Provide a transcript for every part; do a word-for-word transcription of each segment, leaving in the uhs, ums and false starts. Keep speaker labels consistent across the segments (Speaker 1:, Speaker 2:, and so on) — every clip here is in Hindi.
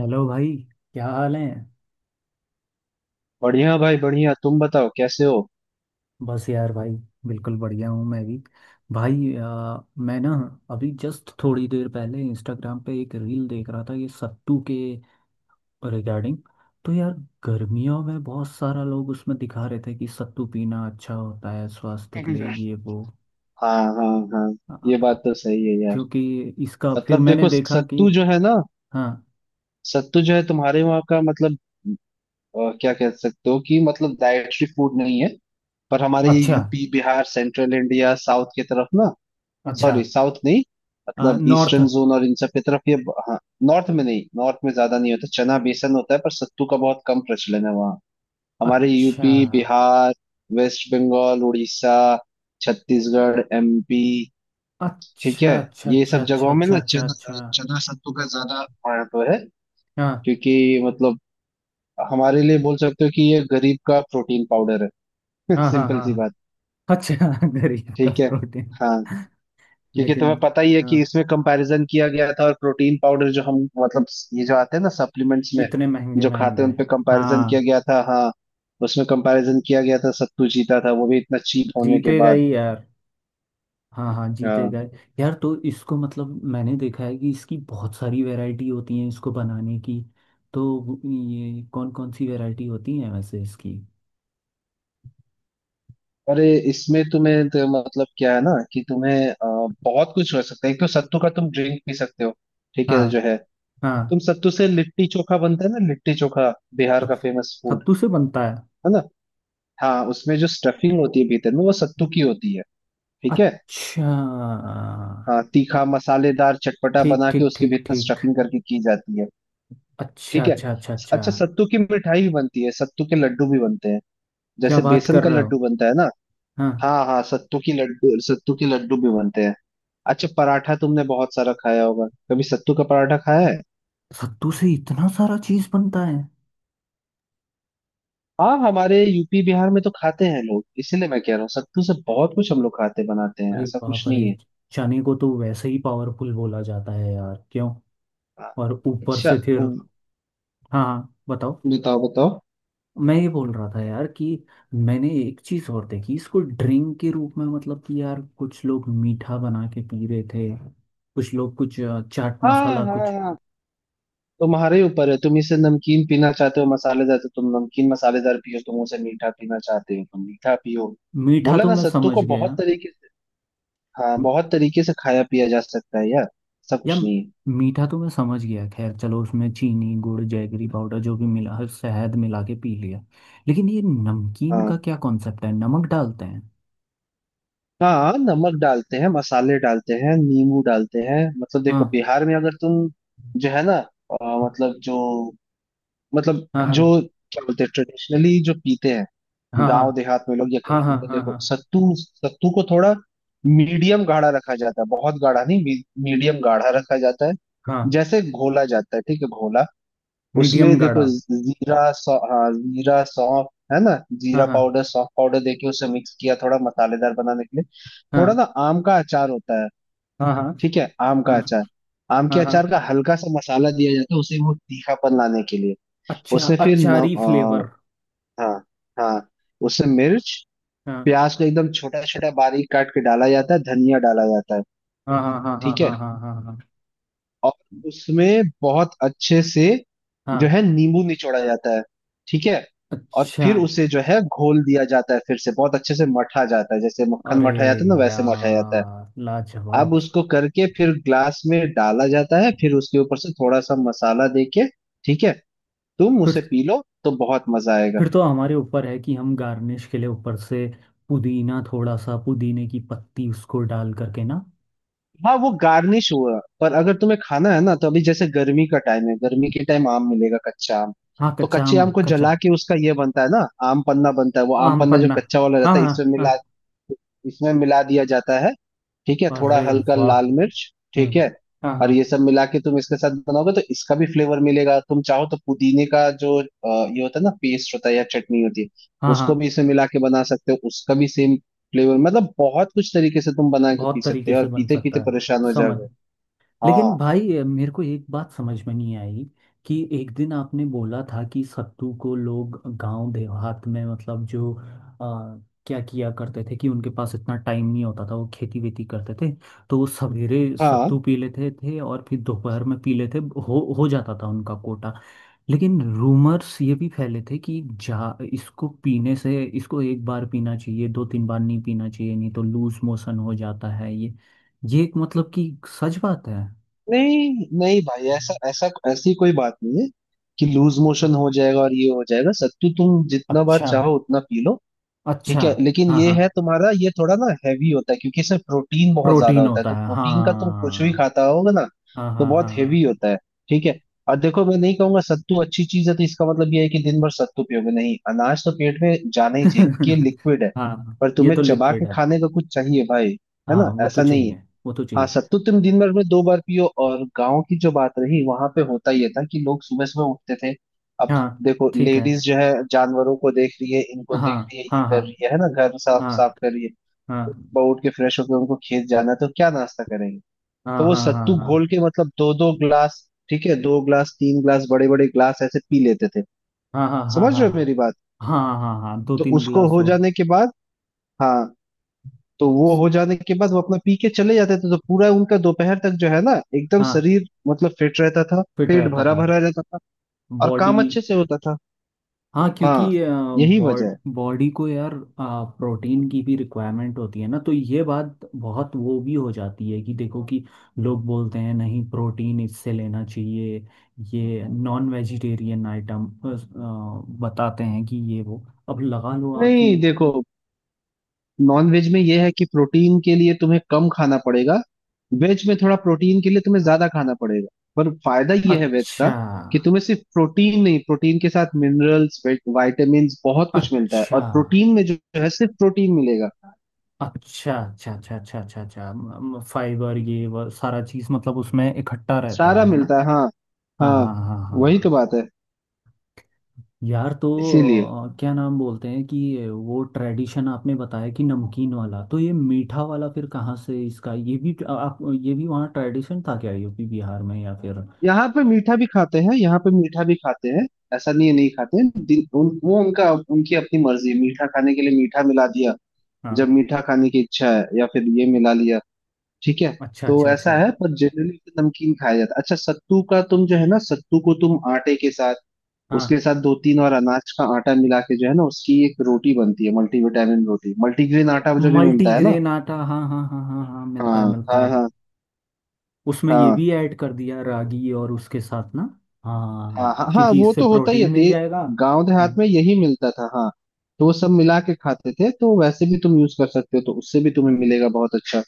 Speaker 1: हेलो भाई। क्या हाल है।
Speaker 2: बढ़िया भाई बढ़िया। तुम बताओ कैसे हो।
Speaker 1: बस यार भाई, बिल्कुल बढ़िया हूँ मैं भी। भाई आ, मैं ना अभी जस्ट थोड़ी देर पहले इंस्टाग्राम पे एक रील देख रहा था ये सत्तू के रिगार्डिंग। तो यार, गर्मियों में बहुत सारा लोग उसमें दिखा रहे थे कि सत्तू पीना अच्छा होता है स्वास्थ्य के लिए,
Speaker 2: हम्म।
Speaker 1: ये वो।
Speaker 2: हाँ हाँ हाँ,
Speaker 1: आ,
Speaker 2: ये बात तो सही है यार।
Speaker 1: क्योंकि इसका फिर
Speaker 2: मतलब
Speaker 1: मैंने
Speaker 2: देखो,
Speaker 1: देखा कि।
Speaker 2: सत्तू जो है ना,
Speaker 1: हाँ।
Speaker 2: सत्तू जो है तुम्हारे वहाँ का, मतलब अ, क्या कह सकते हो कि मतलब डाइटरी फूड नहीं है। पर हमारे ये
Speaker 1: अच्छा,
Speaker 2: UP Bihar central India south की तरफ ना,
Speaker 1: अच्छा।
Speaker 2: सॉरी साउथ नहीं,
Speaker 1: आ,
Speaker 2: मतलब
Speaker 1: नॉर्थ।
Speaker 2: ईस्टर्न जोन और इन सब की तरफ ये ब- हाँ। नॉर्थ में नहीं, नॉर्थ में ज्यादा नहीं होता। चना बेसन होता है पर सत्तू का बहुत कम प्रचलन है वहाँ। हमारे
Speaker 1: अच्छा
Speaker 2: UP Bihar West Bengal Orissa Chhattisgarh MP, ठीक है,
Speaker 1: अच्छा अच्छा
Speaker 2: ये
Speaker 1: अच्छा
Speaker 2: सब
Speaker 1: अच्छा
Speaker 2: जगहों में
Speaker 1: अच्छा
Speaker 2: ना
Speaker 1: अच्छा
Speaker 2: चना,
Speaker 1: अच्छा।
Speaker 2: चना सत्तू का ज्यादा महत्व है।
Speaker 1: हाँ
Speaker 2: क्योंकि मतलब हमारे लिए बोल सकते हो कि ये गरीब का प्रोटीन पाउडर है।
Speaker 1: हाँ हाँ
Speaker 2: सिंपल सी
Speaker 1: हाँ।
Speaker 2: बात।
Speaker 1: अच्छा गरीब का
Speaker 2: ठीक है।
Speaker 1: प्रोटीन।
Speaker 2: हाँ, क्योंकि
Speaker 1: लेकिन
Speaker 2: तुम्हें पता ही है कि
Speaker 1: हाँ,
Speaker 2: इसमें कंपैरिजन किया गया था और प्रोटीन पाउडर जो हम मतलब ये जो आते हैं ना सप्लीमेंट्स में,
Speaker 1: इतने महंगे
Speaker 2: जो खाते
Speaker 1: महंगे।
Speaker 2: हैं उन पे कंपैरिजन किया
Speaker 1: हाँ
Speaker 2: गया था। हाँ, उसमें कंपैरिजन किया गया था, सत्तू जीता था, वो भी इतना चीप होने के
Speaker 1: जीतेगा
Speaker 2: बाद।
Speaker 1: ही यार। हाँ हाँ
Speaker 2: हाँ,
Speaker 1: जीतेगा ही। यार तो इसको मतलब, मैंने देखा है कि इसकी बहुत सारी वैरायटी होती है इसको बनाने की। तो ये कौन कौन सी वैरायटी होती है वैसे इसकी।
Speaker 2: अरे इसमें तुम्हें तो मतलब क्या है ना कि तुम्हें अ, बहुत कुछ हो सकता है। एक तो सत्तू का तुम ड्रिंक पी सकते हो, ठीक
Speaker 1: हाँ।
Speaker 2: है जो है।
Speaker 1: हाँ।
Speaker 2: तुम सत्तू से लिट्टी चोखा बनता है ना, लिट्टी चोखा बिहार का
Speaker 1: सत-
Speaker 2: फेमस फूड
Speaker 1: सत्तू से बनता है।
Speaker 2: है ना। हाँ, उसमें जो स्टफिंग होती है भीतर में वो सत्तू की होती है। ठीक है।
Speaker 1: अच्छा।
Speaker 2: हाँ, तीखा मसालेदार चटपटा
Speaker 1: ठीक
Speaker 2: बना के
Speaker 1: ठीक
Speaker 2: उसके
Speaker 1: ठीक
Speaker 2: भीतर
Speaker 1: ठीक।
Speaker 2: स्टफिंग करके की जाती है।
Speaker 1: अच्छा
Speaker 2: ठीक है।
Speaker 1: अच्छा अच्छा अच्छा।
Speaker 2: अच्छा, सत्तू की मिठाई भी बनती है, सत्तू के लड्डू भी बनते हैं,
Speaker 1: क्या
Speaker 2: जैसे
Speaker 1: बात
Speaker 2: बेसन
Speaker 1: कर
Speaker 2: का
Speaker 1: रहे हो।
Speaker 2: लड्डू बनता है ना।
Speaker 1: हाँ।
Speaker 2: हाँ हाँ, सत्तू की लड्डू, सत्तू की लड्डू भी बनते हैं। अच्छा पराठा तुमने बहुत सारा खाया होगा, कभी सत्तू का पराठा खाया है।
Speaker 1: सत्तू से इतना सारा चीज बनता है।
Speaker 2: हाँ, हमारे यूपी बिहार में तो खाते हैं लोग, इसीलिए मैं कह रहा हूँ, सत्तू से बहुत कुछ हम लोग खाते बनाते हैं,
Speaker 1: अरे
Speaker 2: ऐसा कुछ
Speaker 1: बाप
Speaker 2: नहीं
Speaker 1: रे।
Speaker 2: है।
Speaker 1: चने को तो वैसे ही पावरफुल बोला जाता है यार, क्यों।
Speaker 2: हाँ।
Speaker 1: और ऊपर
Speaker 2: अच्छा
Speaker 1: से फिर।
Speaker 2: उम,
Speaker 1: हाँ हाँ, बताओ।
Speaker 2: बताओ बताओ।
Speaker 1: मैं ये बोल रहा था यार कि मैंने एक चीज और देखी, इसको ड्रिंक के रूप में मतलब कि यार, कुछ लोग मीठा बना के पी रहे थे। कुछ लोग कुछ अ, चाट
Speaker 2: हाँ
Speaker 1: मसाला
Speaker 2: हाँ
Speaker 1: कुछ।
Speaker 2: हाँ, तुम्हारे ऊपर है, तुम इसे नमकीन पीना चाहते हो मसालेदार तो तुम नमकीन मसालेदार पियो, तुम उसे मीठा पीना चाहते हो तुम मीठा पियो।
Speaker 1: मीठा
Speaker 2: बोला
Speaker 1: तो
Speaker 2: ना,
Speaker 1: मैं
Speaker 2: सत्तू
Speaker 1: समझ
Speaker 2: को बहुत
Speaker 1: गया।
Speaker 2: तरीके से, हाँ, बहुत तरीके से खाया पिया जा सकता है यार, ऐसा
Speaker 1: या
Speaker 2: कुछ नहीं है।
Speaker 1: मीठा तो मैं समझ गया, खैर चलो, उसमें चीनी गुड़ जैगरी पाउडर जो भी मिला, हर शहद मिला के पी लिया। लेकिन ये नमकीन
Speaker 2: हाँ।
Speaker 1: का क्या कॉन्सेप्ट है, नमक डालते हैं।
Speaker 2: हाँ, नमक डालते हैं, मसाले डालते हैं, नींबू डालते हैं। मतलब
Speaker 1: हाँ
Speaker 2: देखो, बिहार में अगर तुम जो है ना, अ, मतलब जो मतलब
Speaker 1: हाँ हाँ
Speaker 2: जो क्या बोलते हैं, ट्रेडिशनली जो पीते हैं
Speaker 1: हाँ हाँ
Speaker 2: गांव देहात में लोग या
Speaker 1: हाँ
Speaker 2: कहीं भी,
Speaker 1: हाँ
Speaker 2: तो
Speaker 1: हाँ
Speaker 2: देखो
Speaker 1: हाँ
Speaker 2: सत्तू सत्तू को थोड़ा मीडियम गाढ़ा रखा जाता है, बहुत गाढ़ा नहीं, मी, मीडियम गाढ़ा रखा जाता है।
Speaker 1: हाँ।
Speaker 2: जैसे घोला जाता है, ठीक है, घोला। उसमें
Speaker 1: मीडियम
Speaker 2: देखो,
Speaker 1: गाढ़ा।
Speaker 2: जीरा सौ हाँ, जीरा सौंफ, है ना,
Speaker 1: हाँ
Speaker 2: जीरा
Speaker 1: हाँ
Speaker 2: पाउडर सौंफ पाउडर देके उसे मिक्स किया, थोड़ा मसालेदार बनाने के लिए। थोड़ा ना
Speaker 1: हाँ
Speaker 2: आम का अचार होता है,
Speaker 1: हाँ हाँ
Speaker 2: ठीक है, आम
Speaker 1: हाँ
Speaker 2: का अचार, आम के
Speaker 1: हाँ हाँ।
Speaker 2: अचार का हल्का सा मसाला दिया जाता है उसे, वो तीखापन लाने के लिए।
Speaker 1: अच्छा,
Speaker 2: उसमें फिर न,
Speaker 1: अचारी फ्लेवर।
Speaker 2: आ, हाँ हाँ, उसमें मिर्च,
Speaker 1: हाँ
Speaker 2: प्याज को एकदम छोटा छोटा बारीक काट के डाला जाता है, धनिया डाला जाता है,
Speaker 1: हाँ हाँ हाँ हाँ
Speaker 2: ठीक है।
Speaker 1: हाँ हाँ हाँ हाँ
Speaker 2: और उसमें बहुत अच्छे से जो
Speaker 1: हाँ।
Speaker 2: है नींबू निचोड़ा जाता है, ठीक है। और
Speaker 1: अच्छा।
Speaker 2: फिर उसे जो है घोल दिया जाता है, फिर से बहुत अच्छे से मठा जाता है, जैसे मक्खन
Speaker 1: अरे
Speaker 2: मठा जाता है ना, वैसे मठा जाता है।
Speaker 1: यार,
Speaker 2: अब
Speaker 1: लाजवाब।
Speaker 2: उसको करके फिर ग्लास में डाला जाता है, फिर उसके ऊपर से थोड़ा सा मसाला देके, ठीक है, तुम उसे पी लो तो बहुत मजा आएगा।
Speaker 1: फिर तो हमारे ऊपर है कि हम गार्निश के लिए ऊपर से पुदीना, थोड़ा सा पुदीने की पत्ती उसको डाल करके ना।
Speaker 2: हाँ, वो गार्निश हुआ। पर अगर तुम्हें खाना है ना, तो अभी जैसे गर्मी का टाइम है, गर्मी के टाइम आम मिलेगा कच्चा आम,
Speaker 1: हाँ
Speaker 2: तो
Speaker 1: कच्चा
Speaker 2: कच्चे
Speaker 1: आम,
Speaker 2: आम को
Speaker 1: कच्चा
Speaker 2: जला के उसका ये बनता है ना, आम पन्ना बनता है, वो आम
Speaker 1: आम
Speaker 2: पन्ना जो
Speaker 1: पन्ना।
Speaker 2: कच्चा वाला
Speaker 1: हाँ
Speaker 2: रहता है
Speaker 1: हाँ
Speaker 2: इसमें मिला,
Speaker 1: हाँ।
Speaker 2: इसमें मिला दिया जाता है। ठीक है, थोड़ा
Speaker 1: अरे
Speaker 2: हल्का
Speaker 1: वाह।
Speaker 2: लाल मिर्च, ठीक
Speaker 1: हम्म।
Speaker 2: है।
Speaker 1: हाँ
Speaker 2: और ये
Speaker 1: हाँ।
Speaker 2: सब मिला के तुम इसके साथ बनाओगे तो इसका भी फ्लेवर मिलेगा। तुम चाहो तो पुदीने का जो अ, ये होता है ना पेस्ट होता है या चटनी होती है,
Speaker 1: हाँ हाँ।
Speaker 2: उसको भी इसमें मिला के बना सकते हो, उसका भी सेम फ्लेवर। मतलब बहुत कुछ तरीके से तुम बना के
Speaker 1: बहुत
Speaker 2: पी सकते
Speaker 1: तरीके
Speaker 2: हो और
Speaker 1: से बन
Speaker 2: पीते पीते
Speaker 1: सकता है।
Speaker 2: परेशान हो
Speaker 1: समझ।
Speaker 2: जाओगे।
Speaker 1: लेकिन
Speaker 2: हाँ
Speaker 1: भाई अ, मेरे को एक बात समझ में नहीं आई कि एक दिन आपने बोला था कि सत्तू को लोग गांव देहात में, मतलब जो अ, क्या किया करते थे कि उनके पास इतना टाइम नहीं होता था, वो खेती वेती करते थे, तो वो सवेरे
Speaker 2: हाँ।
Speaker 1: सत्तू पी लेते थे और फिर दोपहर में पी लेते, हो हो जाता था उनका कोटा। लेकिन रूमर्स ये भी फैले थे कि जा, इसको पीने से इसको एक बार पीना चाहिए, दो तीन बार नहीं पीना चाहिए, नहीं तो लूज मोशन हो जाता है ये। ये एक मतलब कि सच बात है।
Speaker 2: नहीं नहीं भाई, ऐसा ऐसा ऐसी कोई बात नहीं है कि लूज मोशन हो जाएगा और ये हो जाएगा। सत्तू तुम जितना बार
Speaker 1: अच्छा,
Speaker 2: चाहो उतना पी लो।
Speaker 1: अच्छा।
Speaker 2: ठीक है, लेकिन
Speaker 1: हाँ
Speaker 2: ये
Speaker 1: हाँ,
Speaker 2: है, तुम्हारा ये थोड़ा ना हैवी होता है, क्योंकि इसमें प्रोटीन बहुत ज्यादा
Speaker 1: प्रोटीन
Speaker 2: होता है,
Speaker 1: होता
Speaker 2: तो
Speaker 1: है
Speaker 2: प्रोटीन का तुम
Speaker 1: हाँ।
Speaker 2: कुछ भी खाता होगा ना,
Speaker 1: हाँ
Speaker 2: तो
Speaker 1: हाँ
Speaker 2: बहुत
Speaker 1: हाँ।
Speaker 2: हैवी होता है। ठीक है। और देखो मैं नहीं कहूंगा सत्तू अच्छी चीज है तो इसका मतलब ये है कि दिन भर सत्तू पियोगे, नहीं, अनाज तो पेट में जाना ही चाहिए क्योंकि ये
Speaker 1: हाँ
Speaker 2: लिक्विड है।
Speaker 1: हाँ
Speaker 2: पर
Speaker 1: ये
Speaker 2: तुम्हें
Speaker 1: तो
Speaker 2: चबा के
Speaker 1: लिक्विड है।
Speaker 2: खाने का कुछ चाहिए भाई, है
Speaker 1: हाँ
Speaker 2: ना,
Speaker 1: वो तो
Speaker 2: ऐसा नहीं है।
Speaker 1: चाहिए, वो तो
Speaker 2: हाँ,
Speaker 1: चाहिए।
Speaker 2: सत्तू तुम दिन भर में दो बार पियो। और गांव की जो बात रही, वहां पे होता ये था कि लोग सुबह सुबह उठते थे। अब
Speaker 1: हाँ।
Speaker 2: देखो,
Speaker 1: ठीक है।
Speaker 2: लेडीज जो है, जानवरों को देख रही है, इनको
Speaker 1: हाँ
Speaker 2: देख रही है, ये
Speaker 1: हाँ हाँ
Speaker 2: कर रही है है ना, घर साफ साफ
Speaker 1: हाँ
Speaker 2: कर रही है।
Speaker 1: हाँ
Speaker 2: सुबह उठ के फ्रेश होकर उनको खेत जाना है, तो क्या नाश्ता करेंगे।
Speaker 1: हाँ
Speaker 2: तो वो
Speaker 1: हाँ हाँ
Speaker 2: सत्तू
Speaker 1: हाँ
Speaker 2: घोल के मतलब दो दो ग्लास, ठीक है, दो ग्लास तीन ग्लास बड़े बड़े ग्लास ऐसे पी लेते थे।
Speaker 1: हाँ हाँ हाँ
Speaker 2: समझ
Speaker 1: हाँ
Speaker 2: रहे
Speaker 1: हाँ
Speaker 2: हो मेरी बात।
Speaker 1: हाँ हाँ। हाँ, हाँ, दो
Speaker 2: तो
Speaker 1: तीन
Speaker 2: उसको
Speaker 1: गिलास
Speaker 2: हो
Speaker 1: हो।
Speaker 2: जाने के बाद, हाँ, तो वो
Speaker 1: स-
Speaker 2: हो जाने के बाद वो अपना पी के चले जाते थे, तो पूरा उनका दोपहर तक जो है ना एकदम
Speaker 1: हाँ,
Speaker 2: शरीर मतलब फिट रहता था,
Speaker 1: फिट
Speaker 2: पेट
Speaker 1: रहता
Speaker 2: भरा
Speaker 1: था।
Speaker 2: भरा रहता था और
Speaker 1: बॉडी।
Speaker 2: काम अच्छे से होता था।
Speaker 1: हाँ क्योंकि
Speaker 2: हाँ, यही वजह
Speaker 1: बॉड
Speaker 2: है।
Speaker 1: बॉडी को यार प्रोटीन की भी रिक्वायरमेंट होती है ना, तो ये बात बहुत वो भी हो जाती है कि देखो कि लोग बोलते हैं नहीं, प्रोटीन इससे लेना चाहिए, ये नॉन वेजिटेरियन आइटम। बताते हैं कि ये वो। अब लगा लो आपकी।
Speaker 2: नहीं देखो, नॉन वेज में ये है कि प्रोटीन के लिए तुम्हें कम खाना पड़ेगा, वेज में थोड़ा प्रोटीन के लिए तुम्हें ज्यादा खाना पड़ेगा। पर फायदा ये है वेज का,
Speaker 1: अच्छा
Speaker 2: कि तुम्हें सिर्फ प्रोटीन नहीं, प्रोटीन के साथ मिनरल्स वाइटामिन बहुत कुछ मिलता है,
Speaker 1: अच्छा
Speaker 2: और प्रोटीन में जो है सिर्फ प्रोटीन मिलेगा।
Speaker 1: अच्छा अच्छा अच्छा अच्छा अच्छा अच्छा, फाइबर ये वो सारा चीज़ मतलब उसमें इकट्ठा रहता
Speaker 2: सारा
Speaker 1: है है ना।
Speaker 2: मिलता है हाँ
Speaker 1: हाँ
Speaker 2: हाँ,
Speaker 1: हाँ हाँ हाँ
Speaker 2: वही तो
Speaker 1: हाँ।
Speaker 2: बात है,
Speaker 1: यार, तो
Speaker 2: इसीलिए।
Speaker 1: अ, क्या नाम बोलते हैं कि वो ट्रेडिशन आपने बताया कि नमकीन वाला, तो ये मीठा वाला फिर कहाँ से, इसका ये भी अ, आप ये भी वहाँ ट्रेडिशन था क्या यूपी बिहार में या फिर।
Speaker 2: यहाँ पे मीठा भी खाते हैं, यहाँ पे मीठा भी खाते हैं ऐसा नहीं है नहीं खाते हैं। दिन, उन, वो उनका, उनकी अपनी मर्जी है, मीठा खाने के लिए मीठा मिला दिया, जब
Speaker 1: हाँ।
Speaker 2: मीठा खाने की इच्छा है, या फिर ये मिला लिया। ठीक है,
Speaker 1: अच्छा
Speaker 2: तो
Speaker 1: अच्छा
Speaker 2: ऐसा
Speaker 1: अच्छा।
Speaker 2: है, पर जनरली नमकीन खाया जाता है। अच्छा, सत्तू का तुम जो है ना, सत्तू को तुम आटे के साथ, उसके
Speaker 1: हाँ,
Speaker 2: साथ दो तीन और अनाज का आटा मिला के जो है ना, उसकी एक रोटी बनती है, मल्टीविटामिन रोटी, मल्टीग्रेन आटा जो भी मिलता है ना।
Speaker 1: मल्टीग्रेन आटा हाँ हाँ हाँ हाँ हाँ, मिलता है
Speaker 2: हाँ
Speaker 1: मिलता
Speaker 2: हाँ
Speaker 1: है।
Speaker 2: हाँ
Speaker 1: उसमें ये
Speaker 2: हाँ
Speaker 1: भी ऐड कर दिया रागी और उसके साथ ना। हाँ।
Speaker 2: हाँ हाँ हाँ,
Speaker 1: क्योंकि
Speaker 2: वो
Speaker 1: इससे
Speaker 2: तो होता ही है
Speaker 1: प्रोटीन मिल
Speaker 2: दे,
Speaker 1: जाएगा।
Speaker 2: गांव देहात में यही मिलता था। हाँ, तो वो सब मिला के खाते थे, तो वैसे भी तुम यूज कर सकते हो, तो उससे भी तुम्हें मिलेगा बहुत अच्छा।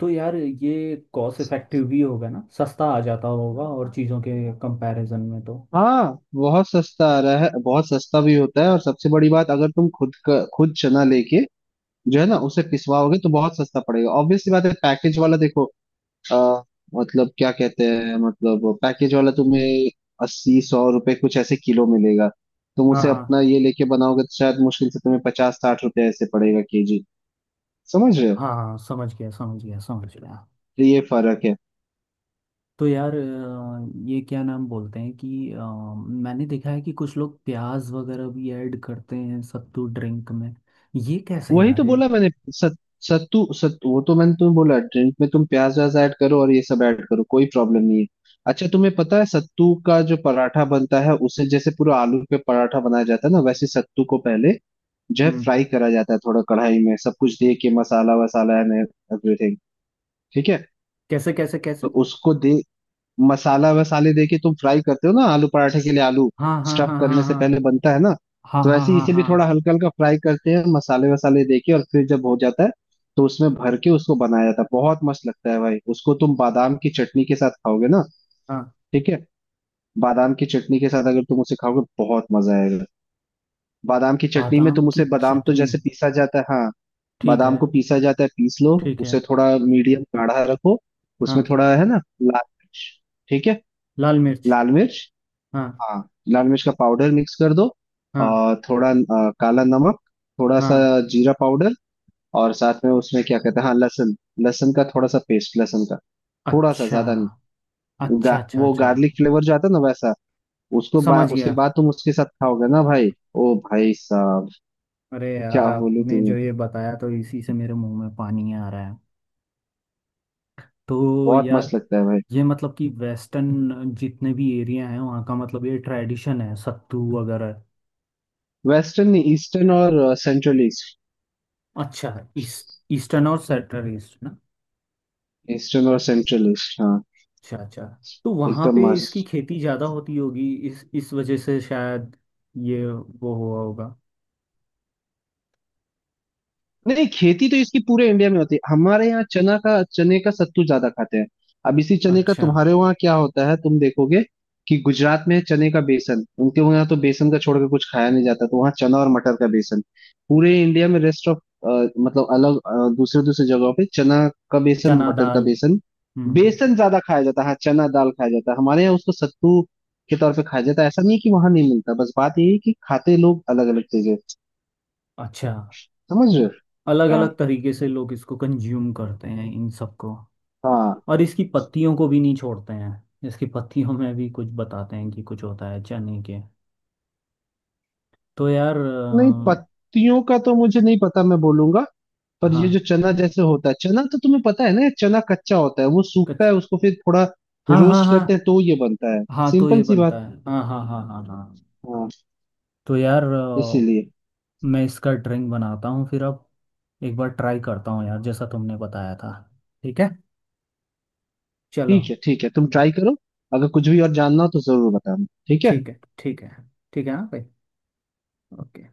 Speaker 1: तो यार ये कॉस्ट इफेक्टिव भी होगा ना, सस्ता आ जाता होगा और चीज़ों के कंपैरिजन में तो।
Speaker 2: हाँ, बहुत सस्ता आ रहा है, बहुत सस्ता भी होता है। और सबसे बड़ी बात, अगर तुम खुद का खुद चना लेके जो है ना
Speaker 1: हाँ है।
Speaker 2: उसे पिसवाओगे तो बहुत सस्ता पड़ेगा, ऑब्वियस सी बात है। पैकेज वाला देखो आ, मतलब क्या कहते हैं, मतलब पैकेज वाला तुम्हें अस्सी सौ रुपए कुछ ऐसे किलो मिलेगा। तुम
Speaker 1: हाँ
Speaker 2: उसे
Speaker 1: ना।
Speaker 2: अपना ये लेके बनाओगे तो शायद मुश्किल से तुम्हें पचास साठ रुपए ऐसे पड़ेगा केजी। समझ रहे हो।
Speaker 1: हाँ हाँ, समझ गया समझ गया समझ गया।
Speaker 2: तो ये फर्क है।
Speaker 1: तो यार अ, ये क्या नाम बोलते हैं कि अ, मैंने देखा है कि कुछ लोग प्याज वगैरह भी ऐड करते हैं सत्तू ड्रिंक में। ये कैसे
Speaker 2: वही
Speaker 1: यार
Speaker 2: तो
Speaker 1: ये।
Speaker 2: बोला मैंने सत, सत्तू सत, वो तो मैंने तुम्हें बोला, ड्रिंक में तुम प्याज व्याज ऐड करो और ये सब ऐड करो, कोई प्रॉब्लम नहीं है। अच्छा तुम्हें पता है सत्तू का जो पराठा बनता है, उसे जैसे पूरा आलू पे पराठा बनाया जाता है ना, वैसे सत्तू को पहले जो है
Speaker 1: हम्म।
Speaker 2: फ्राई करा जाता है, थोड़ा कढ़ाई में सब कुछ दे के, मसाला वसाला एंड एवरीथिंग, ठीक है।
Speaker 1: कैसे कैसे कैसे।
Speaker 2: तो उसको दे मसाला वसाले देके तुम फ्राई करते हो ना, आलू पराठे के लिए आलू
Speaker 1: हाँ हाँ
Speaker 2: स्टफ
Speaker 1: हाँ
Speaker 2: करने से
Speaker 1: हाँ
Speaker 2: पहले बनता है ना,
Speaker 1: हाँ
Speaker 2: तो
Speaker 1: हाँ हाँ
Speaker 2: वैसे ही
Speaker 1: हाँ हाँ
Speaker 2: इसे भी थोड़ा
Speaker 1: हाँ
Speaker 2: हल्का हल्का फ्राई करते हैं मसाले वसाले देके, और फिर जब हो जाता है तो उसमें भर के उसको बनाया जाता है। बहुत मस्त लगता है भाई, उसको तुम बादाम की चटनी के साथ खाओगे ना,
Speaker 1: हाँ।
Speaker 2: ठीक है, बादाम की चटनी के साथ अगर तुम उसे खाओगे बहुत मजा आएगा। बादाम की चटनी में
Speaker 1: बादाम
Speaker 2: तुम
Speaker 1: की
Speaker 2: उसे बादाम तो
Speaker 1: चटनी।
Speaker 2: जैसे पीसा जाता है हाँ,
Speaker 1: ठीक
Speaker 2: बादाम
Speaker 1: है।
Speaker 2: को पीसा जाता है, पीस लो
Speaker 1: ठीक है।
Speaker 2: उसे थोड़ा मीडियम गाढ़ा रखो। उसमें
Speaker 1: हाँ।
Speaker 2: थोड़ा है ना लाल मिर्च, ठीक है,
Speaker 1: लाल मिर्च।
Speaker 2: लाल मिर्च,
Speaker 1: हाँ
Speaker 2: हाँ, लाल मिर्च का पाउडर मिक्स कर दो।
Speaker 1: हाँ
Speaker 2: और थोड़ा अ, काला नमक थोड़ा सा,
Speaker 1: हाँ।
Speaker 2: जीरा पाउडर, और साथ में उसमें क्या कहते हैं, हाँ, लहसुन, लहसुन का थोड़ा सा पेस्ट, लहसुन का थोड़ा सा,
Speaker 1: अच्छा
Speaker 2: ज्यादा नहीं, वो गा,
Speaker 1: अच्छा अच्छा
Speaker 2: वो
Speaker 1: अच्छा।
Speaker 2: गार्लिक फ्लेवर जो आता है ना वैसा। उसको बा,
Speaker 1: समझ
Speaker 2: उसके
Speaker 1: गया।
Speaker 2: बाद तुम उसके साथ खाओगे ना भाई, ओ भाई साहब,
Speaker 1: अरे यार,
Speaker 2: क्या बोलूं
Speaker 1: आपने जो
Speaker 2: तुम्हें।
Speaker 1: ये बताया तो इसी से मेरे मुंह में पानी आ रहा है। तो
Speaker 2: बहुत
Speaker 1: यार
Speaker 2: मस्त लगता है भाई।
Speaker 1: ये मतलब कि वेस्टर्न जितने भी एरिया हैं वहाँ का, मतलब ये ट्रेडिशन है सत्तू वगैरह।
Speaker 2: वेस्टर्न नहीं, ईस्टर्न और सेंट्रल ईस्ट,
Speaker 1: अच्छा। ईस्ट, ईस्टर्न और सेंट्रल ईस्ट ना।
Speaker 2: ईस्टर्न और सेंट्रल ईस्ट हाँ।
Speaker 1: अच्छा अच्छा। तो वहाँ पे
Speaker 2: एकदम
Speaker 1: इसकी
Speaker 2: मस्त।
Speaker 1: खेती ज़्यादा होती होगी इस इस वजह से शायद ये वो हुआ होगा।
Speaker 2: नहीं खेती तो इसकी पूरे इंडिया में होती है, हमारे यहाँ चना का, चने का सत्तू ज्यादा खाते हैं। अब इसी चने का
Speaker 1: अच्छा।
Speaker 2: तुम्हारे वहाँ क्या होता है तुम देखोगे कि गुजरात में है चने का बेसन, उनके वहाँ तो बेसन का छोड़ के कुछ खाया नहीं जाता, तो वहाँ चना और मटर का बेसन। पूरे इंडिया में रेस्ट ऑफ, मतलब अलग अ, दूसरे दूसरे जगहों पे चना का बेसन
Speaker 1: चना
Speaker 2: मटर का
Speaker 1: दाल।
Speaker 2: बेसन,
Speaker 1: हम्म।
Speaker 2: बेसन ज्यादा खाया जाता है। हाँ, चना दाल खाया जाता है हमारे यहाँ, उसको सत्तू के तौर पे खाया जाता है। ऐसा नहीं है कि वहां नहीं मिलता, बस बात यही है कि खाते लोग अलग अलग चीजें।
Speaker 1: अच्छा,
Speaker 2: समझ रहे हो।
Speaker 1: अलग
Speaker 2: हाँ
Speaker 1: अलग तरीके से लोग इसको कंज्यूम करते हैं इन सबको।
Speaker 2: हाँ।
Speaker 1: और इसकी पत्तियों को भी नहीं छोड़ते हैं। इसकी पत्तियों में भी कुछ बताते हैं कि कुछ होता है चने के। तो यार
Speaker 2: नहीं
Speaker 1: अ,
Speaker 2: पत्तियों का तो मुझे नहीं पता, मैं बोलूंगा। पर
Speaker 1: हाँ।
Speaker 2: ये जो चना जैसे होता है, चना तो तुम्हें पता है ना, चना कच्चा होता है वो सूखता
Speaker 1: कच।
Speaker 2: है, उसको फिर थोड़ा
Speaker 1: हाँ हाँ
Speaker 2: रोस्ट
Speaker 1: हाँ।
Speaker 2: करते हैं तो ये बनता है।
Speaker 1: हाँ तो
Speaker 2: सिंपल
Speaker 1: ये
Speaker 2: सी बात।
Speaker 1: बनता है हाँ हाँ हाँ हाँ हाँ।
Speaker 2: हाँ,
Speaker 1: तो यार अ,
Speaker 2: इसीलिए।
Speaker 1: मैं इसका ड्रिंक बनाता हूँ फिर अब, एक बार ट्राई करता हूँ यार जैसा तुमने बताया था। ठीक है। चलो।
Speaker 2: ठीक है ठीक है, तुम
Speaker 1: हम्म।
Speaker 2: ट्राई करो। अगर कुछ भी और जानना हो तो जरूर बताना, ठीक है।
Speaker 1: ठीक है ठीक है। ठीक है हाँ भाई। ओके।